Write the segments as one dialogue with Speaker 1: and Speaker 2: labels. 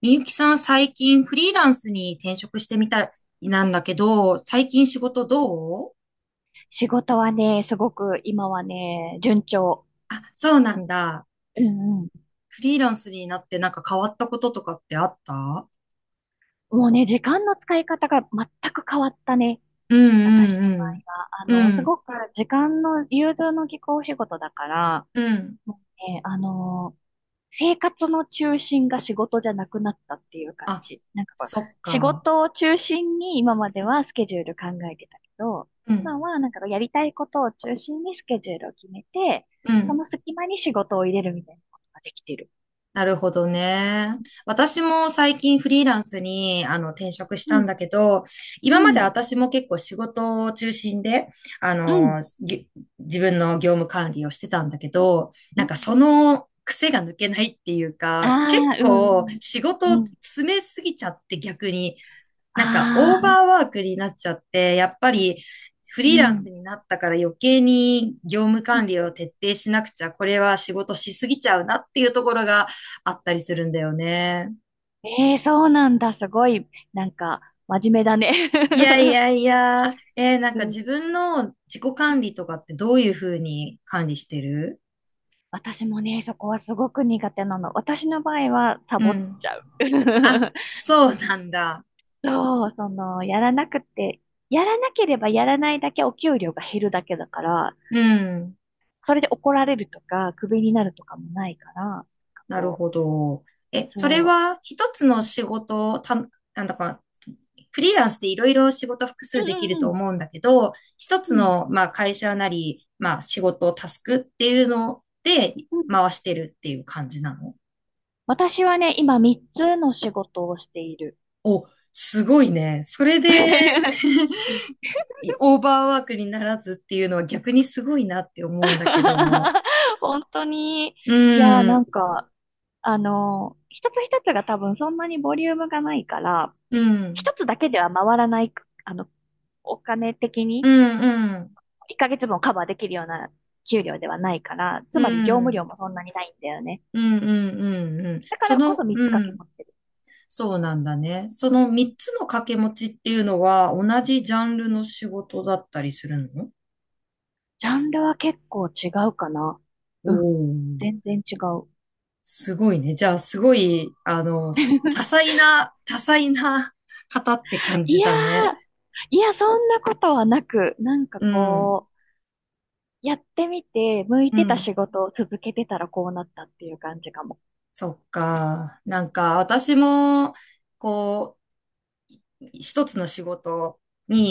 Speaker 1: みゆきさん、最近フリーランスに転職してみたいなんだけど、最近仕事どう？
Speaker 2: 仕事はね、すごく今はね、順調。
Speaker 1: あ、そうなんだ。
Speaker 2: うんうん。
Speaker 1: フリーランスになってなんか変わったこととかってあった？
Speaker 2: もうね、時間の使い方が全く変わったね。
Speaker 1: う
Speaker 2: 私の場合
Speaker 1: ん
Speaker 2: は。
Speaker 1: うんうん。う
Speaker 2: す
Speaker 1: ん、
Speaker 2: ごく時間の融通の利くお仕事だから、
Speaker 1: うん。
Speaker 2: もうね、生活の中心が仕事じゃなくなったっていう感
Speaker 1: あ、
Speaker 2: じ。なんかこう、
Speaker 1: そっ
Speaker 2: 仕
Speaker 1: か。
Speaker 2: 事を中心に今まではスケジュール考えてたけど、
Speaker 1: うん、
Speaker 2: 今はなんかやりたいことを中心にスケジュールを決めて、
Speaker 1: う
Speaker 2: その
Speaker 1: ん。
Speaker 2: 隙間に仕事を入れるみたいなことができてる。
Speaker 1: なるほどね。私も最近フリーランスに転職したんだけど、
Speaker 2: う
Speaker 1: 今まで
Speaker 2: ん、
Speaker 1: 私も結構仕事を中心で、あ
Speaker 2: うん、
Speaker 1: の、ぎ自分の業務管理をしてたんだけど、
Speaker 2: う
Speaker 1: なん
Speaker 2: ん。
Speaker 1: かその癖が抜けないっていう
Speaker 2: あ
Speaker 1: か、結
Speaker 2: あ、う
Speaker 1: 構
Speaker 2: ん、うん。
Speaker 1: 仕事を
Speaker 2: うん。
Speaker 1: 詰めすぎちゃって逆になんか
Speaker 2: あ
Speaker 1: オーバ
Speaker 2: あ、
Speaker 1: ーワークになっちゃって、やっぱりフ
Speaker 2: う
Speaker 1: リーラン
Speaker 2: ん。
Speaker 1: スになったから余計に業務
Speaker 2: う
Speaker 1: 管
Speaker 2: ん。
Speaker 1: 理を徹底しなくちゃ、これは仕事しすぎちゃうなっていうところがあったりするんだよね。
Speaker 2: ええーそうなんだ。すごい、なんか、真面目だね。
Speaker 1: いやい やいや、なん
Speaker 2: う
Speaker 1: か
Speaker 2: ん。
Speaker 1: 自分の自己管理とかってどういうふうに管理してる？
Speaker 2: 私もね、そこはすごく苦手なの。私の場合は、サ
Speaker 1: う
Speaker 2: ボっ
Speaker 1: ん。
Speaker 2: ちゃう。
Speaker 1: あ、そうなんだ。
Speaker 2: そう、その、やらなくて、やらなければやらないだけお給料が減るだけだから、
Speaker 1: うん。
Speaker 2: それで怒られるとか、クビになるとかもないから、なんか
Speaker 1: なる
Speaker 2: こう、
Speaker 1: ほど。え、それ
Speaker 2: そ
Speaker 1: は一つの
Speaker 2: う。うん
Speaker 1: 仕事をなんだか、フリーランスでいろいろ仕事複
Speaker 2: う
Speaker 1: 数できると
Speaker 2: ん
Speaker 1: 思うんだけど、一
Speaker 2: う
Speaker 1: つ
Speaker 2: ん。
Speaker 1: の、まあ、会社なり、まあ、仕事、タスクっていうので
Speaker 2: うん。
Speaker 1: 回してるっていう感じなの？
Speaker 2: 私はね、今3つの仕事をしている。
Speaker 1: お、すごいね。それで
Speaker 2: うん。
Speaker 1: オーバーワークにならずっていうのは逆にすごいなって思うんだけど。
Speaker 2: 本当に、
Speaker 1: う
Speaker 2: いやーな
Speaker 1: ん、
Speaker 2: んか、一つ一つが多分そんなにボリュームがないから、
Speaker 1: うん、
Speaker 2: 一つだけでは回らない、あの、お金的
Speaker 1: う
Speaker 2: に
Speaker 1: ん、うん、うん、
Speaker 2: 1ヶ月分をカバーできるような給料ではないから、つ
Speaker 1: う
Speaker 2: まり業務量
Speaker 1: ん、
Speaker 2: もそんなにないんだよね。
Speaker 1: うん、うん、うん。
Speaker 2: だか
Speaker 1: そ
Speaker 2: らこそ
Speaker 1: の、
Speaker 2: 3つ
Speaker 1: う
Speaker 2: 掛け
Speaker 1: ん。
Speaker 2: 持ってる。
Speaker 1: そうなんだね。その3つの掛け持ちっていうのは同じジャンルの仕事だったりするの？
Speaker 2: ジャンルは結構違うかな。
Speaker 1: お
Speaker 2: うん。
Speaker 1: おー、
Speaker 2: 全然違う。
Speaker 1: すごいね。じゃあ、すごい、多 彩な、多彩な方って感
Speaker 2: い
Speaker 1: じ
Speaker 2: やー、
Speaker 1: だね。
Speaker 2: いや、そんなことはなく、なんか
Speaker 1: うん、
Speaker 2: こう、やってみて、向い
Speaker 1: う
Speaker 2: てた
Speaker 1: ん。
Speaker 2: 仕事を続けてたらこうなったっていう感じかも。
Speaker 1: そっか。なんか、私も、こう、一つの仕事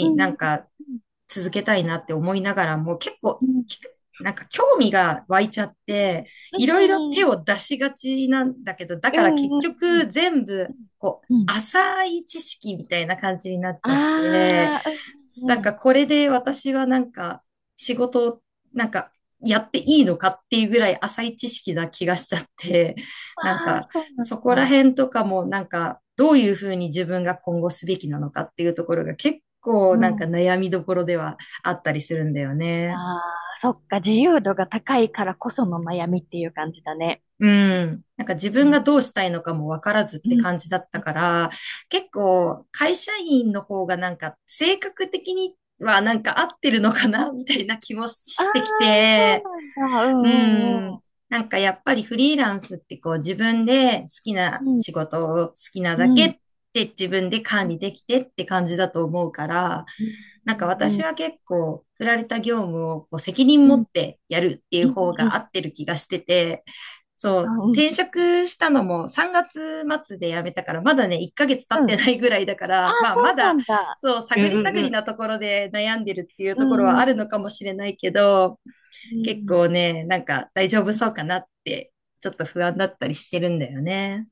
Speaker 2: う
Speaker 1: なん
Speaker 2: ん、
Speaker 1: か
Speaker 2: うん、
Speaker 1: 続けたいなって思いながらも結構
Speaker 2: うん、
Speaker 1: きなんか興味が湧いちゃって、
Speaker 2: う
Speaker 1: いろいろ
Speaker 2: ん、
Speaker 1: 手
Speaker 2: う
Speaker 1: を出しがちなんだけど、だ
Speaker 2: ん、う
Speaker 1: から結
Speaker 2: ん、うん、うん、う
Speaker 1: 局
Speaker 2: ん、
Speaker 1: 全部こう
Speaker 2: うんうんうん。
Speaker 1: 浅い知識みたいな感じになっちゃって、
Speaker 2: あー、う
Speaker 1: な
Speaker 2: ん、
Speaker 1: ん
Speaker 2: うん、うん。
Speaker 1: かこれで私はなんか仕事をなんかやっていいのかっていうぐらい浅い知識な気がしちゃって、
Speaker 2: あ
Speaker 1: なん
Speaker 2: ー、
Speaker 1: か
Speaker 2: そうなん
Speaker 1: そこら
Speaker 2: だ。
Speaker 1: 辺とかもなんかどういうふうに自分が今後すべきなのかっていうところが結
Speaker 2: う
Speaker 1: 構なんか
Speaker 2: ん。
Speaker 1: 悩みどころではあったりするんだよね。
Speaker 2: あー、そっか、自由度が高いからこその悩みっていう感じだね。
Speaker 1: うん。なんか自
Speaker 2: う
Speaker 1: 分
Speaker 2: ん、
Speaker 1: がどうしたいのかもわからずっ
Speaker 2: う
Speaker 1: て
Speaker 2: ん、
Speaker 1: 感じだっ
Speaker 2: う
Speaker 1: た
Speaker 2: ん。
Speaker 1: から、結構会社員の方がなんか性格的にはなんか合ってるのかなみたいな気も
Speaker 2: あー、
Speaker 1: してきて、
Speaker 2: そう
Speaker 1: う
Speaker 2: なん
Speaker 1: ん。
Speaker 2: だ。
Speaker 1: なんかやっぱりフリーランスってこう自分で好き
Speaker 2: う
Speaker 1: な
Speaker 2: ん、う
Speaker 1: 仕事を好きな
Speaker 2: ん、
Speaker 1: だ
Speaker 2: うん。う
Speaker 1: け
Speaker 2: ん、う
Speaker 1: っ
Speaker 2: ん。
Speaker 1: て自分で
Speaker 2: う
Speaker 1: 管
Speaker 2: ん
Speaker 1: 理できてって感じだと思うから、
Speaker 2: う
Speaker 1: なんか
Speaker 2: ん、
Speaker 1: 私
Speaker 2: うん、
Speaker 1: は結構振られた業務をこう責任
Speaker 2: う
Speaker 1: 持っ
Speaker 2: ん、
Speaker 1: てやるってい
Speaker 2: う
Speaker 1: う
Speaker 2: ん、
Speaker 1: 方
Speaker 2: う
Speaker 1: が
Speaker 2: ん、
Speaker 1: 合ってる気がしてて、そ
Speaker 2: あ、
Speaker 1: う、
Speaker 2: うん、
Speaker 1: 転職したのも3月末で辞めたから、まだね、1ヶ月経
Speaker 2: う
Speaker 1: っ
Speaker 2: ん。あ、
Speaker 1: てないぐらいだから、まあ
Speaker 2: そ
Speaker 1: ま
Speaker 2: うな
Speaker 1: だ、
Speaker 2: んだ。
Speaker 1: そう、
Speaker 2: うん、
Speaker 1: 探り
Speaker 2: うん、
Speaker 1: 探
Speaker 2: う
Speaker 1: り
Speaker 2: ん。
Speaker 1: なところで悩んでるっていう
Speaker 2: う
Speaker 1: ところは
Speaker 2: ん、う
Speaker 1: ある
Speaker 2: ん、
Speaker 1: のかもしれないけど、
Speaker 2: う
Speaker 1: 結
Speaker 2: ん。
Speaker 1: 構ね、なんか大丈夫そうかなって、ちょっと不安だったりしてるんだよね。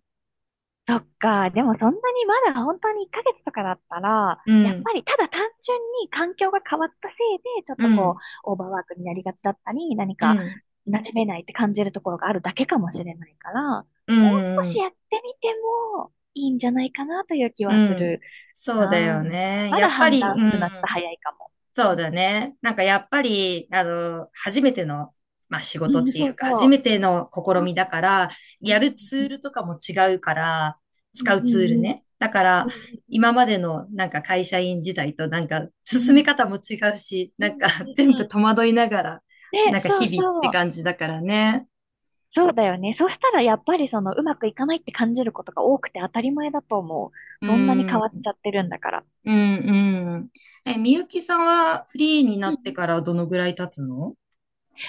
Speaker 2: そっか。でもそんなにまだ本当に1ヶ月とかだったら、
Speaker 1: う
Speaker 2: やっ
Speaker 1: ん、
Speaker 2: ぱりただ単純に環境が変わったせいで、ちょっ
Speaker 1: う
Speaker 2: とこ
Speaker 1: ん、
Speaker 2: う、オーバーワークになりがちだったり、何
Speaker 1: う
Speaker 2: か
Speaker 1: ん、
Speaker 2: 馴染めないって感じるところがあるだけかもしれないから、
Speaker 1: う
Speaker 2: もう少
Speaker 1: ん、う
Speaker 2: し
Speaker 1: ん、
Speaker 2: やってみてもいいんじゃないかなという気
Speaker 1: う
Speaker 2: はす
Speaker 1: ん
Speaker 2: る
Speaker 1: そうだ
Speaker 2: なあ。
Speaker 1: よ
Speaker 2: なんか
Speaker 1: ね。
Speaker 2: ま
Speaker 1: や
Speaker 2: だ
Speaker 1: っぱ
Speaker 2: 判
Speaker 1: り、
Speaker 2: 断
Speaker 1: う
Speaker 2: するのはちょっと
Speaker 1: ん。
Speaker 2: 早いかも。
Speaker 1: そうだね。なんかやっぱり、初めての、まあ仕
Speaker 2: う
Speaker 1: 事っ
Speaker 2: ん、
Speaker 1: てい
Speaker 2: そ
Speaker 1: う
Speaker 2: う
Speaker 1: か、
Speaker 2: そ
Speaker 1: 初めての試
Speaker 2: う。
Speaker 1: みだか
Speaker 2: う
Speaker 1: ら、
Speaker 2: ん、う
Speaker 1: やるツールとかも違うから、
Speaker 2: ん、
Speaker 1: 使う
Speaker 2: う
Speaker 1: ツール
Speaker 2: ん、
Speaker 1: ね。だから、
Speaker 2: うん、
Speaker 1: 今までのなんか会社員時代となんか
Speaker 2: うん、う
Speaker 1: 進め
Speaker 2: ん、
Speaker 1: 方も違うし、
Speaker 2: う
Speaker 1: な
Speaker 2: ん、う
Speaker 1: ん
Speaker 2: ん、
Speaker 1: か
Speaker 2: う ん、
Speaker 1: 全
Speaker 2: う
Speaker 1: 部
Speaker 2: ん。
Speaker 1: 戸惑いながら、
Speaker 2: で、
Speaker 1: なんか
Speaker 2: そ
Speaker 1: 日
Speaker 2: う
Speaker 1: 々って
Speaker 2: そう。
Speaker 1: 感じだからね。
Speaker 2: そうだよね。そうしたらやっぱりそのうまくいかないって感じることが多くて当たり前だと思う。
Speaker 1: う
Speaker 2: そんなに
Speaker 1: ん、う
Speaker 2: 変わっ
Speaker 1: ん、
Speaker 2: ちゃってるんだから。
Speaker 1: うん。え、みゆきさんはフリーにな
Speaker 2: うんう
Speaker 1: って
Speaker 2: ん、
Speaker 1: からどのぐらい経つの？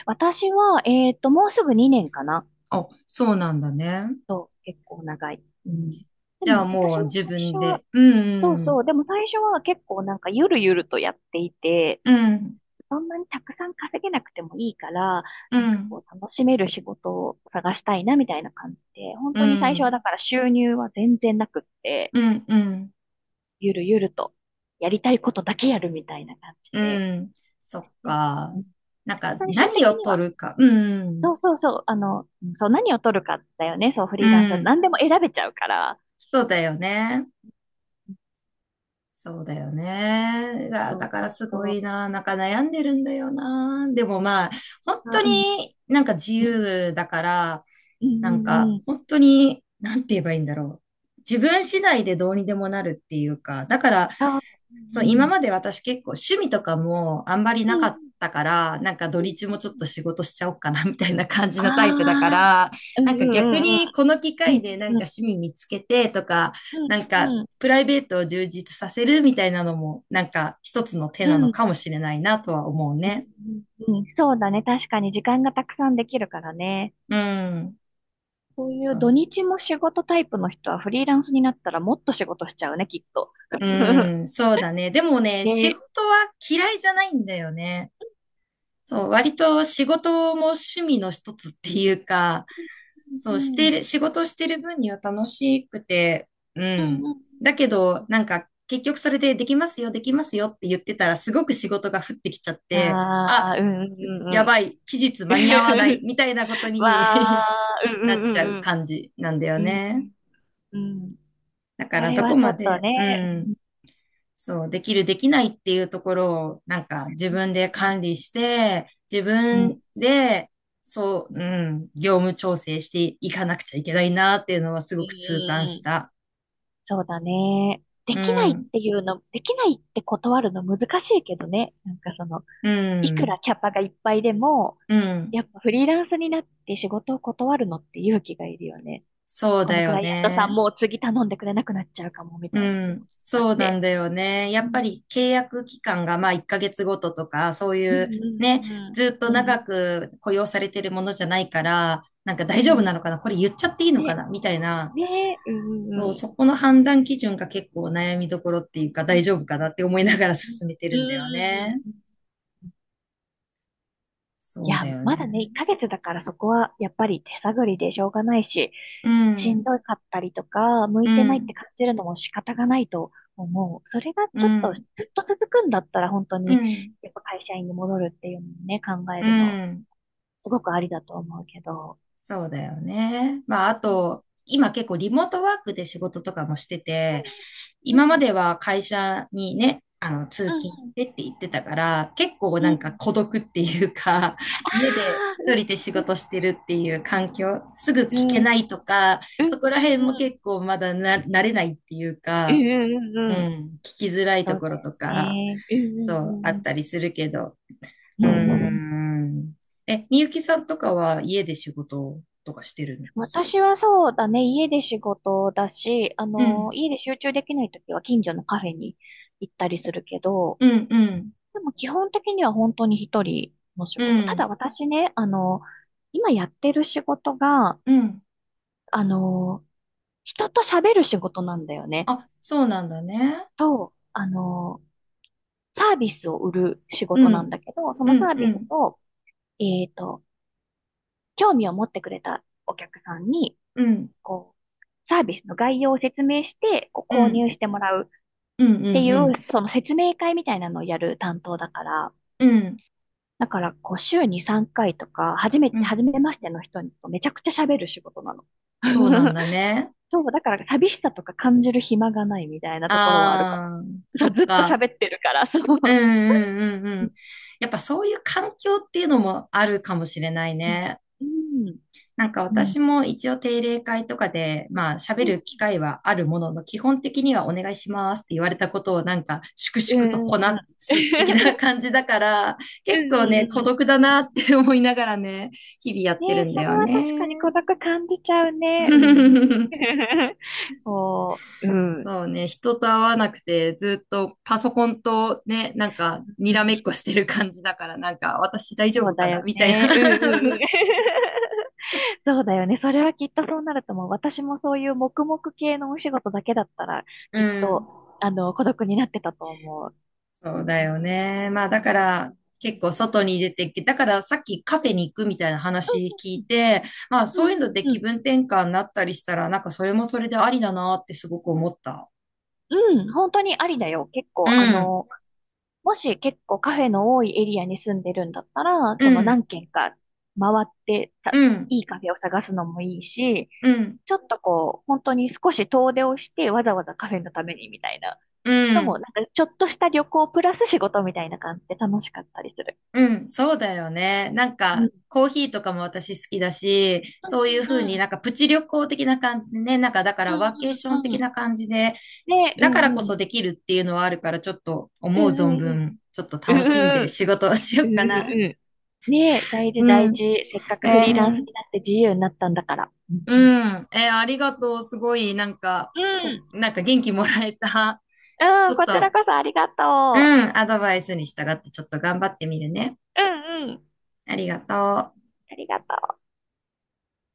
Speaker 2: 私は、もうすぐ2年かな。
Speaker 1: あ、そうなんだね。
Speaker 2: そう、結構長い。うん。で
Speaker 1: じゃあ
Speaker 2: も、
Speaker 1: も
Speaker 2: 私
Speaker 1: う
Speaker 2: も
Speaker 1: 自
Speaker 2: 最
Speaker 1: 分
Speaker 2: 初は、
Speaker 1: で。う
Speaker 2: そう
Speaker 1: ん、
Speaker 2: そう、でも最初は結構なんかゆるゆるとやっていて、
Speaker 1: うん、
Speaker 2: たくさん稼げなくてもいいから、
Speaker 1: う
Speaker 2: なんか
Speaker 1: ん、
Speaker 2: こう楽しめる仕事を探したいなみたいな感じで、本
Speaker 1: う
Speaker 2: 当に最初は
Speaker 1: ん、
Speaker 2: だから収入は全然なくって、
Speaker 1: うん、うん、
Speaker 2: ゆるゆるとやりたいことだけやるみたいな感じ
Speaker 1: う
Speaker 2: で、
Speaker 1: ん。そっ
Speaker 2: で、う
Speaker 1: か。
Speaker 2: ん、
Speaker 1: なんか
Speaker 2: 最終的
Speaker 1: 何を
Speaker 2: には、
Speaker 1: 取るか。うん、
Speaker 2: そうそうそう、うん、そう、何を取るかだよね、そうフ
Speaker 1: う
Speaker 2: リーランスは
Speaker 1: ん。
Speaker 2: 何でも選べちゃうから、
Speaker 1: そうだよね。そうだよね。
Speaker 2: そ
Speaker 1: だ
Speaker 2: う
Speaker 1: か
Speaker 2: そ
Speaker 1: ら
Speaker 2: う
Speaker 1: すごい
Speaker 2: そ
Speaker 1: な。なんか悩んでるんだよな。でもまあ、本
Speaker 2: う、
Speaker 1: 当
Speaker 2: あ、
Speaker 1: に
Speaker 2: うん、
Speaker 1: なんか自
Speaker 2: うん、
Speaker 1: 由だから、
Speaker 2: うん、う
Speaker 1: なん
Speaker 2: ん、
Speaker 1: か、
Speaker 2: うん、
Speaker 1: 本当に、なんて言えばいいんだろう。自分次第でどうにでもなるっていうか、だから、
Speaker 2: そう、う
Speaker 1: そう、今
Speaker 2: ん、
Speaker 1: まで私結構趣味とかもあんまり
Speaker 2: うん、
Speaker 1: なか
Speaker 2: うん、
Speaker 1: ったから、なんか土
Speaker 2: うん、うん、
Speaker 1: 日もちょっ
Speaker 2: うん。
Speaker 1: と仕事しちゃおうかな みたいな感じ
Speaker 2: あ
Speaker 1: のタイプだか
Speaker 2: あ、
Speaker 1: ら、
Speaker 2: う
Speaker 1: な
Speaker 2: ん、
Speaker 1: んか逆
Speaker 2: うん、うん、
Speaker 1: にこの機
Speaker 2: うん、
Speaker 1: 会でなん
Speaker 2: うん、う
Speaker 1: か
Speaker 2: ん、
Speaker 1: 趣味見つけてとか、
Speaker 2: う
Speaker 1: なんか
Speaker 2: んうん。
Speaker 1: プライベートを充実させるみたいなのも、なんか一つの手
Speaker 2: う
Speaker 1: なのか
Speaker 2: ん。
Speaker 1: もしれないなとは思うね。
Speaker 2: うんうん。そうだね。確かに時間がたくさんできるからね。
Speaker 1: うん。
Speaker 2: そうい
Speaker 1: そ
Speaker 2: う土
Speaker 1: う。
Speaker 2: 日も仕事タイプの人はフリーランスになったらもっと仕事しちゃうね、きっと。
Speaker 1: う ん、そうだね。でもね、仕
Speaker 2: ね。
Speaker 1: 事は嫌いじゃないんだよね。そう、割と仕事も趣味の一つっていうか、そ
Speaker 2: う
Speaker 1: う、して
Speaker 2: ん。
Speaker 1: る、仕事してる分には楽しくて、う
Speaker 2: うん
Speaker 1: ん。
Speaker 2: うん
Speaker 1: だけど、なんか、結局それでできますよ、できますよって言ってたら、すごく仕事が降ってきちゃっ
Speaker 2: うん。
Speaker 1: て、あ、
Speaker 2: ああ、うんう
Speaker 1: や
Speaker 2: んう
Speaker 1: ば
Speaker 2: ん
Speaker 1: い、期日
Speaker 2: うん。
Speaker 1: 間に合わない、みたいなこと
Speaker 2: わ
Speaker 1: に
Speaker 2: あ、う
Speaker 1: な
Speaker 2: ん
Speaker 1: っちゃう
Speaker 2: うん
Speaker 1: 感じなんだよ
Speaker 2: うんうん。うん
Speaker 1: ね。
Speaker 2: うんうん。
Speaker 1: だか
Speaker 2: そ
Speaker 1: ら、
Speaker 2: れ
Speaker 1: ど
Speaker 2: は
Speaker 1: こ
Speaker 2: ちょ
Speaker 1: ま
Speaker 2: っと
Speaker 1: で、
Speaker 2: ね。
Speaker 1: うん。そう、できる、できないっていうところを、なんか自
Speaker 2: うん
Speaker 1: 分で
Speaker 2: うん
Speaker 1: 管理して、自
Speaker 2: うん
Speaker 1: 分で、そう、うん、業務調整していかなくちゃいけないなっていうのはす
Speaker 2: う
Speaker 1: ごく痛感し
Speaker 2: ん。
Speaker 1: た。
Speaker 2: そうだね。で
Speaker 1: う
Speaker 2: きないっ
Speaker 1: ん、
Speaker 2: ていうの、できないって断るの難しいけどね。なんかその、
Speaker 1: う
Speaker 2: いく
Speaker 1: ん、
Speaker 2: らキャパがいっぱいでも、
Speaker 1: うん、
Speaker 2: やっぱフリーランスになって仕事を断るのって勇気がいるよね。
Speaker 1: そう
Speaker 2: こ
Speaker 1: だ
Speaker 2: のク
Speaker 1: よ
Speaker 2: ライアントさん
Speaker 1: ね。
Speaker 2: もう次頼んでくれなくなっちゃうかもみ
Speaker 1: う
Speaker 2: たいな気持
Speaker 1: ん、
Speaker 2: ちだっ
Speaker 1: そうなん
Speaker 2: て。
Speaker 1: だよね。や
Speaker 2: う
Speaker 1: っぱ
Speaker 2: ん。
Speaker 1: り契約期間がまあ1ヶ月ごととか、そうい
Speaker 2: う
Speaker 1: うね、
Speaker 2: ん
Speaker 1: ずっと
Speaker 2: うんうん。う
Speaker 1: 長
Speaker 2: ん
Speaker 1: く雇用されてるものじゃないから、なんか大
Speaker 2: うんう
Speaker 1: 丈夫な
Speaker 2: ん。
Speaker 1: のかなこれ言っちゃっていいのか
Speaker 2: ね、
Speaker 1: なみたいな。
Speaker 2: ね、うんうん
Speaker 1: そう、
Speaker 2: うん。
Speaker 1: そこの判断基準が結構悩みどころっていうか
Speaker 2: う
Speaker 1: 大
Speaker 2: ん
Speaker 1: 丈夫かなって思いながら 進めて
Speaker 2: うんうん。うん
Speaker 1: るんだよね。
Speaker 2: うんうん。い
Speaker 1: そう
Speaker 2: や、
Speaker 1: だよ
Speaker 2: まだね、
Speaker 1: ね。
Speaker 2: 1ヶ月だからそこはやっぱり手探りでしょうがないし、
Speaker 1: う
Speaker 2: しん
Speaker 1: ん、
Speaker 2: どかったりとか、向
Speaker 1: う
Speaker 2: いてないって
Speaker 1: ん、
Speaker 2: 感じるのも仕方がないと思う。それが
Speaker 1: う
Speaker 2: ちょっとず
Speaker 1: ん、
Speaker 2: っと続くんだったら本当
Speaker 1: う
Speaker 2: に、
Speaker 1: ん、
Speaker 2: やっぱ会社員に戻るっていうのもね、考え
Speaker 1: う
Speaker 2: るの、
Speaker 1: ん。
Speaker 2: すごくありだと思うけど。
Speaker 1: そうだよね。まあ、あ
Speaker 2: うん、
Speaker 1: と、今結構リモートワークで仕事とかもしてて、
Speaker 2: う
Speaker 1: 今ま
Speaker 2: ん、
Speaker 1: では会社にね、通
Speaker 2: う
Speaker 1: 勤し
Speaker 2: ん、
Speaker 1: てって言ってたから、結構
Speaker 2: う
Speaker 1: な
Speaker 2: ん。う
Speaker 1: んか
Speaker 2: ん。
Speaker 1: 孤独っていうか、
Speaker 2: あ
Speaker 1: 家で一人で仕
Speaker 2: あ、
Speaker 1: 事してるっていう環境、すぐ聞け
Speaker 2: ん、うん、
Speaker 1: ないとか、そこら辺も
Speaker 2: うん、
Speaker 1: 結構まだな、慣れないっていう
Speaker 2: うん、
Speaker 1: か、
Speaker 2: うん、うん、う
Speaker 1: う
Speaker 2: ん、うん、うん、うん、うん、
Speaker 1: ん、聞きづらい
Speaker 2: そ
Speaker 1: と
Speaker 2: う
Speaker 1: こ
Speaker 2: だ
Speaker 1: ろ
Speaker 2: よ
Speaker 1: とか、
Speaker 2: ね。うん、
Speaker 1: そう、あ
Speaker 2: う
Speaker 1: っ
Speaker 2: ん、
Speaker 1: たりするけど、う
Speaker 2: う
Speaker 1: ー
Speaker 2: ん、うん。
Speaker 1: ん。え、みゆきさんとかは家で仕事とかしてるの？
Speaker 2: 私はそうだね、家で仕事だし、
Speaker 1: うん、
Speaker 2: 家で集中できないときは近所のカフェに行ったりするけど、
Speaker 1: うん、うん、
Speaker 2: でも基本的には本当に一人の仕
Speaker 1: う
Speaker 2: 事。ただ
Speaker 1: ん、
Speaker 2: 私ね、今やってる仕事が、
Speaker 1: うん。
Speaker 2: あの、人と喋る仕事なんだよね。
Speaker 1: あ、そうなんだね。
Speaker 2: そう、サービスを売る仕
Speaker 1: う
Speaker 2: 事なん
Speaker 1: ん、
Speaker 2: だけど、そ
Speaker 1: う
Speaker 2: のサ
Speaker 1: ん、
Speaker 2: ー
Speaker 1: う
Speaker 2: ビス
Speaker 1: ん、
Speaker 2: を、えっと、興味を持ってくれたお客さんに、
Speaker 1: うん、
Speaker 2: こう、サービスの概要を説明して、こう
Speaker 1: う
Speaker 2: 購
Speaker 1: ん、
Speaker 2: 入してもらう。っ
Speaker 1: うん、
Speaker 2: て
Speaker 1: うん、
Speaker 2: い
Speaker 1: う
Speaker 2: う、
Speaker 1: ん、
Speaker 2: その説明会みたいなのをやる担当だから、
Speaker 1: うん、
Speaker 2: だから、こう、週に3回とか、初め
Speaker 1: う
Speaker 2: て、初
Speaker 1: ん。
Speaker 2: めましての人にめちゃくちゃ喋る仕事なの。
Speaker 1: そうなん だね。
Speaker 2: そう、だから寂しさとか感じる暇がないみたいなところはあるかも。
Speaker 1: ああ、
Speaker 2: そ
Speaker 1: そ
Speaker 2: う、
Speaker 1: っ
Speaker 2: ずっと
Speaker 1: か。
Speaker 2: 喋ってるから、そ
Speaker 1: うん、
Speaker 2: う。
Speaker 1: うん、うん、う
Speaker 2: う
Speaker 1: ん。やっぱそういう環境っていうのもあるかもしれない
Speaker 2: ん、
Speaker 1: ね。
Speaker 2: うん、
Speaker 1: なんか
Speaker 2: うん、
Speaker 1: 私も一応定例会とかで、まあ喋
Speaker 2: うん、
Speaker 1: る機会はあるものの、基本的にはお願いしますって言われたことをなんか粛
Speaker 2: う
Speaker 1: 々と
Speaker 2: ん、う
Speaker 1: こ
Speaker 2: ん、うん、
Speaker 1: なす的な 感じだから、
Speaker 2: う
Speaker 1: 結
Speaker 2: ん、う
Speaker 1: 構ね、孤
Speaker 2: ん
Speaker 1: 独だ
Speaker 2: う
Speaker 1: な
Speaker 2: ん。
Speaker 1: って思いながらね、日々やって
Speaker 2: ね
Speaker 1: るん
Speaker 2: え、
Speaker 1: だ
Speaker 2: そ
Speaker 1: よ
Speaker 2: れは確かに孤
Speaker 1: ね。
Speaker 2: 独感じちゃうね。うん。こう、うん。
Speaker 1: そうね、人と会わなくてずっとパソコンとね、なんかに
Speaker 2: う
Speaker 1: らめっこ
Speaker 2: ん、
Speaker 1: してる感じだから、なんか私大丈
Speaker 2: そう
Speaker 1: 夫か
Speaker 2: だ
Speaker 1: な
Speaker 2: よ
Speaker 1: みたい
Speaker 2: ね。うんうんう
Speaker 1: な。
Speaker 2: ん。そうだよね。それはきっとそうなると思う。私もそういう黙々系のお仕事だけだったら、
Speaker 1: う
Speaker 2: きっ
Speaker 1: ん。
Speaker 2: と、孤独になってたと思う。
Speaker 1: そうだよね。まあだから結構外に出て、だからさっきカフェに行くみたいな話聞いて、まあ
Speaker 2: う
Speaker 1: そういうの
Speaker 2: ん
Speaker 1: で
Speaker 2: う
Speaker 1: 気
Speaker 2: ん
Speaker 1: 分転換になったりしたら、なんかそれもそれでありだなってすごく思った。
Speaker 2: うんうん、本当にありだよ。結
Speaker 1: う
Speaker 2: 構、
Speaker 1: ん、
Speaker 2: もし結構カフェの多いエリアに住んでるんだったら、
Speaker 1: う
Speaker 2: その
Speaker 1: ん、
Speaker 2: 何軒か回って
Speaker 1: う
Speaker 2: た、
Speaker 1: ん、
Speaker 2: いいカフェを探すのもいいし、
Speaker 1: うん、
Speaker 2: ちょっとこう、本当に少し遠出をしてわざわざカフェのためにみたいな。
Speaker 1: う
Speaker 2: のも、な
Speaker 1: ん。
Speaker 2: んかちょっとした旅行プラス仕事みたいな感じで楽しかったりする。
Speaker 1: うん、そうだよね。なん
Speaker 2: う
Speaker 1: か、
Speaker 2: ん。
Speaker 1: コーヒーとかも私好きだし、
Speaker 2: うん
Speaker 1: そういうふ
Speaker 2: う
Speaker 1: う
Speaker 2: んう
Speaker 1: に
Speaker 2: ん。
Speaker 1: なんかプチ旅行的な感じでね、なんかだか
Speaker 2: う
Speaker 1: ら
Speaker 2: ん
Speaker 1: ワーケーショ
Speaker 2: う
Speaker 1: ン
Speaker 2: んう
Speaker 1: 的
Speaker 2: ん。
Speaker 1: な感じで、
Speaker 2: ねえ、う
Speaker 1: だか
Speaker 2: ん
Speaker 1: らこ
Speaker 2: うん。
Speaker 1: そできるっていうのはあるから、ちょっと
Speaker 2: う
Speaker 1: 思う存
Speaker 2: んうんうん。
Speaker 1: 分、ちょっと
Speaker 2: う
Speaker 1: 楽しん
Speaker 2: んうんう
Speaker 1: で
Speaker 2: ん。
Speaker 1: 仕事をしよ
Speaker 2: う
Speaker 1: う
Speaker 2: ん
Speaker 1: か
Speaker 2: うんう
Speaker 1: な。
Speaker 2: んうん。ねえ、大事
Speaker 1: う
Speaker 2: 大
Speaker 1: ん。
Speaker 2: 事。せっか
Speaker 1: え
Speaker 2: くフリーランス
Speaker 1: ー、
Speaker 2: になって自由になったんだから。うん
Speaker 1: う
Speaker 2: うん。
Speaker 1: ん。えー、ありがとう。すごい、なんか、
Speaker 2: うん。
Speaker 1: なんか元気もらえた。
Speaker 2: う
Speaker 1: ち
Speaker 2: ん、
Speaker 1: ょっ
Speaker 2: こちら
Speaker 1: と、
Speaker 2: こそありが
Speaker 1: う
Speaker 2: と
Speaker 1: ん、アドバイスに従ってちょっと頑張ってみるね。
Speaker 2: う。うんうん。
Speaker 1: ありがとう。
Speaker 2: ありがとう。